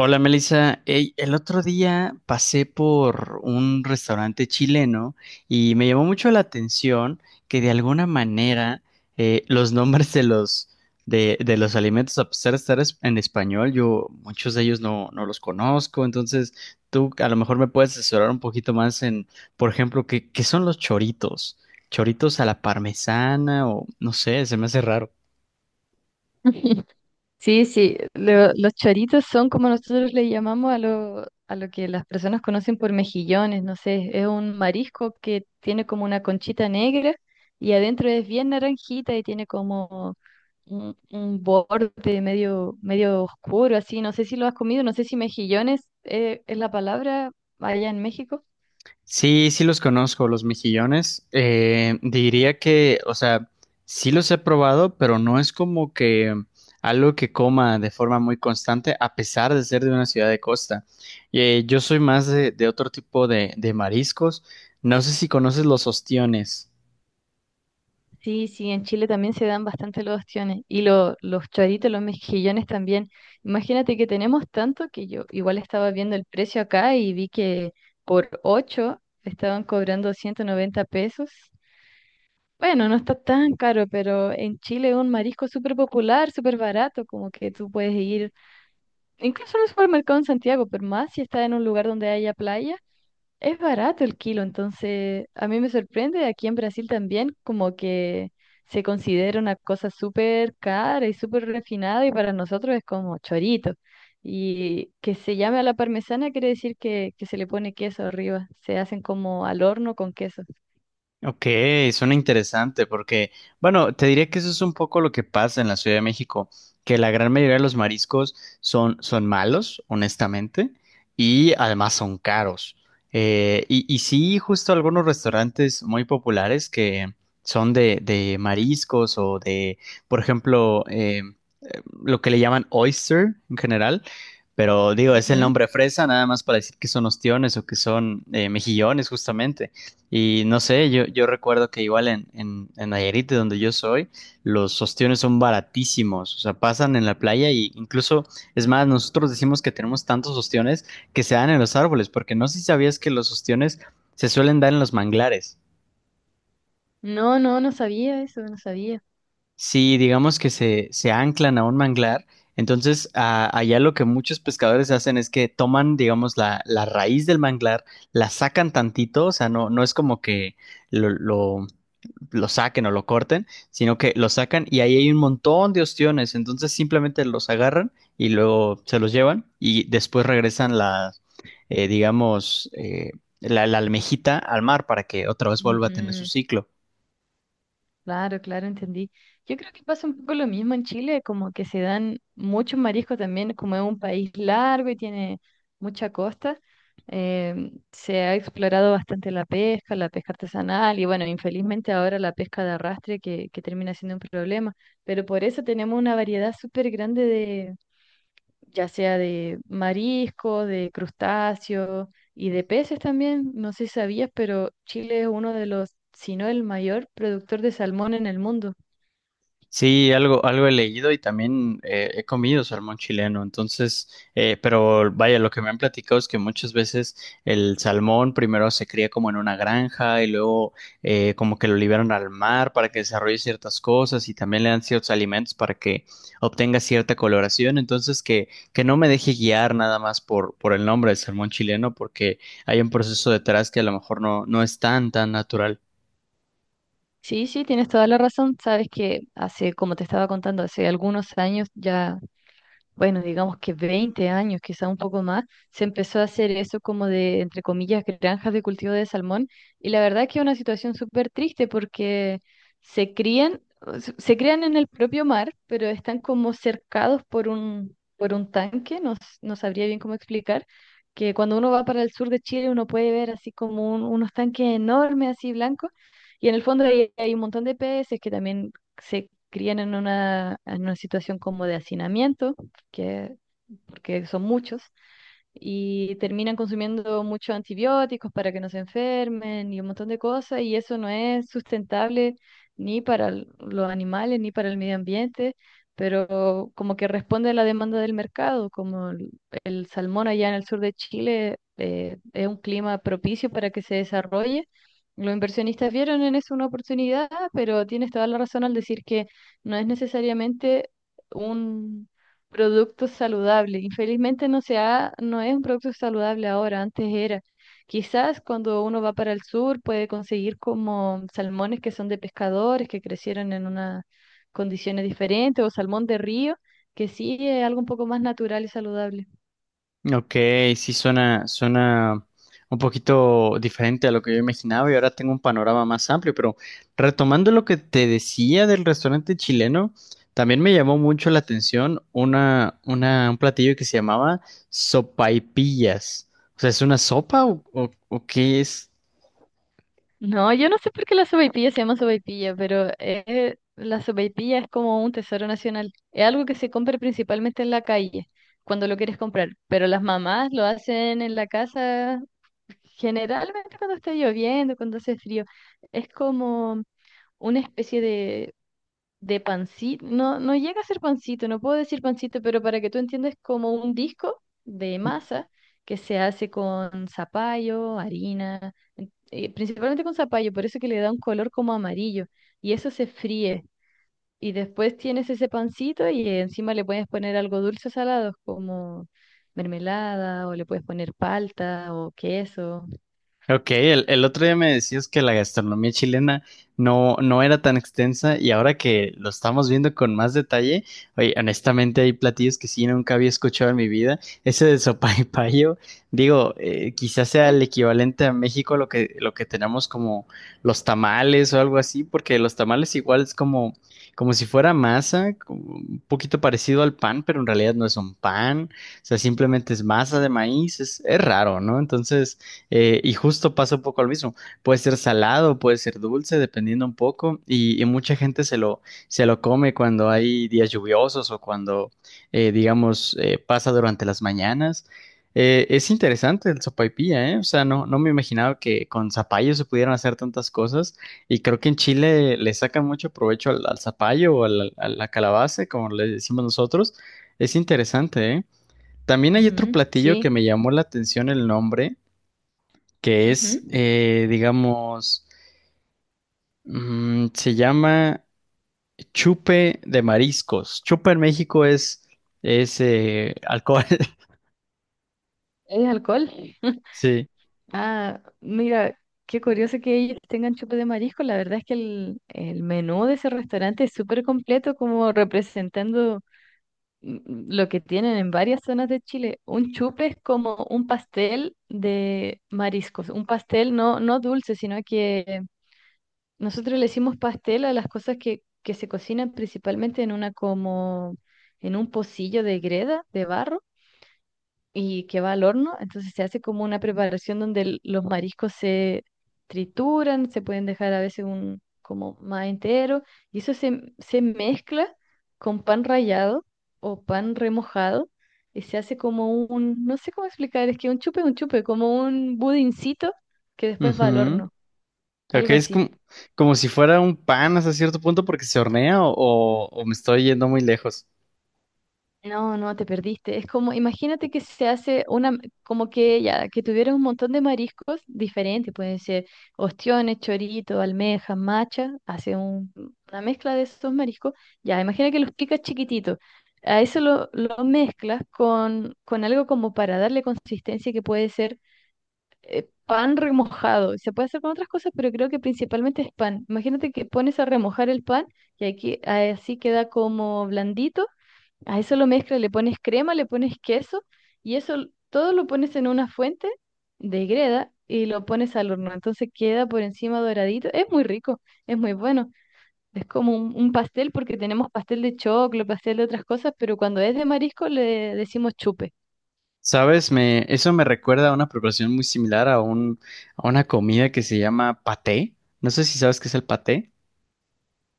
Hola Melissa, ey, el otro día pasé por un restaurante chileno y me llamó mucho la atención que de alguna manera los nombres de los alimentos, a pesar de estar en español, yo muchos de ellos no los conozco. Entonces tú a lo mejor me puedes asesorar un poquito más en, por ejemplo, qué son los choritos, choritos a la parmesana o no sé, se me hace raro. Sí, sí, los choritos son como nosotros le llamamos a lo que las personas conocen por mejillones, no sé, es un marisco que tiene como una conchita negra y adentro es bien naranjita y tiene como un borde medio, medio oscuro, así, no sé si lo has comido, no sé si mejillones es la palabra allá en México. Sí, sí los conozco, los mejillones. Diría que, o sea, sí los he probado, pero no es como que algo que coma de forma muy constante, a pesar de ser de una ciudad de costa. Yo soy más de otro tipo de mariscos. No sé si conoces los ostiones. Sí, sí, en Chile también se dan bastante los ostiones y los choritos, los mejillones también. Imagínate que tenemos tanto que yo igual estaba viendo el precio acá y vi que por 8 estaban cobrando 190 pesos. Bueno, no está tan caro, pero en Chile es un marisco súper popular, súper barato, como que tú puedes ir incluso en un supermercado en Santiago, pero más si está en un lugar donde haya playa es barato el kilo, entonces a mí me sorprende, aquí en Brasil también como que se considera una cosa súper cara y súper refinada y para nosotros es como chorito. Y que se llame a la parmesana quiere decir que se le pone queso arriba, se hacen como al horno con queso. Ok, suena interesante porque, bueno, te diría que eso es un poco lo que pasa en la Ciudad de México, que la gran mayoría de los mariscos son malos, honestamente, y además son caros. Y sí, justo algunos restaurantes muy populares que son de mariscos o de, por ejemplo, lo que le llaman oyster en general, pero digo, es el Ujú. nombre fresa, nada más para decir que son ostiones o que son mejillones, justamente. Y no sé, yo recuerdo que igual en Nayarit, de donde yo soy, los ostiones son baratísimos, o sea, pasan en la playa y incluso, es más, nosotros decimos que tenemos tantos ostiones que se dan en los árboles, porque no sé si sabías que los ostiones se suelen dar en los manglares. No, no, no sabía eso, no sabía. Si digamos que se anclan a un manglar, entonces allá lo que muchos pescadores hacen es que toman, digamos, la raíz del manglar, la sacan tantito, o sea, no es como que lo, lo lo saquen o lo corten, sino que lo sacan y ahí hay un montón de ostiones, entonces simplemente los agarran y luego se los llevan y después regresan las, digamos, la almejita al mar para que otra vez vuelva a tener su Ujú. ciclo. Claro, claro, entendí. Yo creo que pasa un poco lo mismo en Chile, como que se dan muchos mariscos también, como es un país largo y tiene mucha costa, se ha explorado bastante la pesca artesanal y bueno, infelizmente ahora la pesca de arrastre que termina siendo un problema, pero por eso tenemos una variedad súper grande ya sea de marisco, de crustáceos y de peces también. No sé si sabías, pero Chile es uno de los, si no el mayor productor de salmón en el mundo. Sí, algo he leído y también he comido salmón chileno, entonces, pero vaya, lo que me han platicado es que muchas veces el salmón primero se cría como en una granja y luego como que lo liberan al mar para que desarrolle ciertas cosas y también le dan ciertos alimentos para que obtenga cierta coloración, entonces que no me deje guiar nada más por el nombre del salmón chileno porque hay un proceso detrás que a lo mejor no es tan, tan natural. Sí, sí, tienes toda la razón. Sabes que hace, como te estaba contando, hace algunos años ya bueno, digamos que 20 años, quizá un poco más, se empezó a hacer eso como de, entre comillas, granjas de cultivo de salmón. Y la verdad que es una situación súper triste porque se crían, o se crían en el propio mar, pero están como cercados por un tanque, no, no sabría bien cómo explicar, que cuando uno va para el sur de Chile uno puede ver así como unos tanques enormes, así blancos, y en el fondo hay un montón de peces que también se crían en una situación como de hacinamiento que, porque son muchos, y terminan consumiendo muchos antibióticos para que no se enfermen y un montón de cosas, y eso no es sustentable ni para los animales ni para el medio ambiente, pero como que responde a la demanda del mercado, como el salmón allá en el sur de Chile es un clima propicio para que se desarrolle. Los inversionistas vieron en eso una oportunidad, pero tienes toda la razón al decir que no es necesariamente un, producto saludable. Infelizmente no es un producto saludable ahora, antes era. Quizás cuando uno va para el sur puede conseguir como salmones que son de pescadores, que crecieron en unas condiciones diferentes, o salmón de río, que sí es algo un poco más natural y saludable. Ok, sí suena, suena un poquito diferente a lo que yo imaginaba y ahora tengo un panorama más amplio, pero retomando lo que te decía del restaurante chileno, también me llamó mucho la atención un platillo que se llamaba sopaipillas. O sea, ¿es una sopa o qué es? No, yo no sé por qué la sopaipilla se llama sopaipilla, pero la sopaipilla es como un tesoro nacional. Es algo que se compra principalmente en la calle, cuando lo quieres comprar, pero las mamás lo hacen en la casa. Generalmente cuando está lloviendo, cuando hace frío, es como una especie de pancito. No, no llega a ser pancito, no puedo decir pancito, pero para que tú entiendas, como un disco de masa que se hace con zapallo, harina, principalmente con zapallo, por eso que le da un color como amarillo. Y eso se fríe. Y después tienes ese pancito y encima le puedes poner algo dulce o salado, como mermelada, o le puedes poner palta o queso. Ok, el otro día me decías que la gastronomía chilena no era tan extensa y ahora que lo estamos viendo con más detalle, oye, honestamente hay platillos que sí nunca había escuchado en mi vida. Ese de sopaipillo, digo, quizás sea el equivalente a México lo lo que tenemos como los tamales o algo así, porque los tamales igual es como, como si fuera masa, como un poquito parecido al pan, pero en realidad no es un pan, o sea, simplemente es masa de maíz, es raro, ¿no? Entonces y justo pasa un poco lo mismo. Puede ser salado, puede ser dulce, dependiendo un poco. Y mucha gente se lo come cuando hay días lluviosos o cuando, digamos, pasa durante las mañanas. Es interesante el sopaipilla, ¿eh? O sea, no, no me imaginaba que con zapallo se pudieran hacer tantas cosas. Y creo que en Chile le sacan mucho provecho al zapallo o a la calabaza, como le decimos nosotros. Es interesante, ¿eh? También hay otro Ujú. platillo Sí. que me llamó la atención el nombre que es, Ujú. Digamos, mm, se llama chupe de mariscos. Chupe en México es, alcohol. ¿Es alcohol? Sí. Ah, mira, qué curioso que ellos tengan chupe de marisco. La verdad es que el menú de ese restaurante es súper completo, como representando lo que tienen en varias zonas de Chile. Un chupe es como un pastel de mariscos, un pastel no, no dulce, sino que nosotros le decimos pastel a las cosas que se cocinan principalmente en una como en un pocillo de greda, de barro y que va al horno. Entonces se hace como una preparación donde los mariscos se trituran, se pueden dejar a veces un como más entero y eso se, se mezcla con pan rallado o pan remojado y se hace como un, no sé cómo explicar, es que un chupe, como un budincito que después va al Ujú. horno, algo Creo es así. como, como si fuera un pan hasta cierto punto porque se hornea o, o me estoy yendo muy lejos. No, no, te perdiste. Es como, imagínate que se hace una, como que ya, que tuviera un montón de mariscos diferentes, pueden ser ostiones, chorito, almejas, macha, hace una mezcla de esos mariscos. Ya, imagina que los picas chiquititos. A eso lo mezclas con algo como para darle consistencia que puede ser pan remojado. Se puede hacer con otras cosas, pero creo que principalmente es pan. Imagínate que pones a remojar el pan y aquí así queda como blandito. A eso lo mezclas, le pones crema, le pones queso y eso todo lo pones en una fuente de greda y lo pones al horno. Entonces queda por encima doradito. Es muy rico, es muy bueno. Es como un pastel porque tenemos pastel de choclo, pastel de otras cosas, pero cuando es de marisco le decimos chupe. ¿Sabes? Me, eso me recuerda a una preparación muy similar a un, a una comida que se llama paté. No sé si sabes qué es el paté.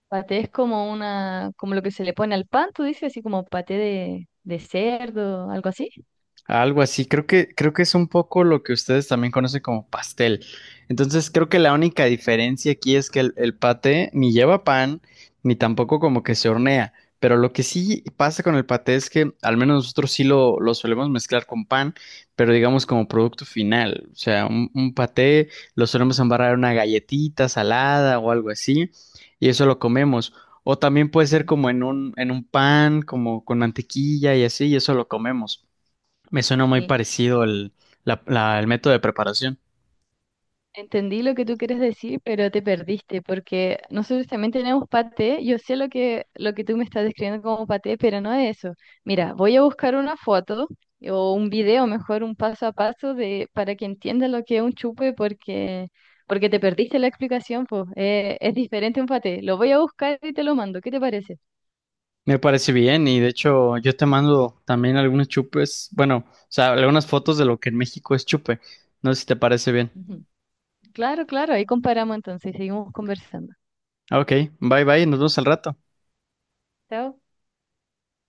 Paté es como una, como lo que se le pone al pan, tú dices así como paté de cerdo, algo así. Algo así, creo que es un poco lo que ustedes también conocen como pastel. Entonces, creo que la única diferencia aquí es que el paté ni lleva pan, ni tampoco como que se hornea. Pero lo que sí pasa con el paté es que al menos nosotros sí lo solemos mezclar con pan, pero digamos como producto final. O sea, un paté lo solemos embarrar en una galletita salada o algo así, y eso lo comemos. O también puede ser como en un pan, como con mantequilla y así, y eso lo comemos. Me suena muy Sí. parecido el, el método de preparación. Entendí lo que tú quieres decir, pero te perdiste, porque nosotros también tenemos paté. Yo sé lo que, tú me estás describiendo como paté, pero no es eso. Mira, voy a buscar una foto o un video, mejor un paso a paso, de, para que entiendas lo que es un chupe, porque, te perdiste la explicación, pues. Es diferente un paté. Lo voy a buscar y te lo mando. ¿Qué te parece? Me parece bien y de hecho yo te mando también algunos chupes, bueno, o sea, algunas fotos de lo que en México es chupe. No sé si te parece bien. Ujú. Claro, claro, ahí comparamos entonces, seguimos conversando. Ok, bye bye, nos vemos al rato. Chao.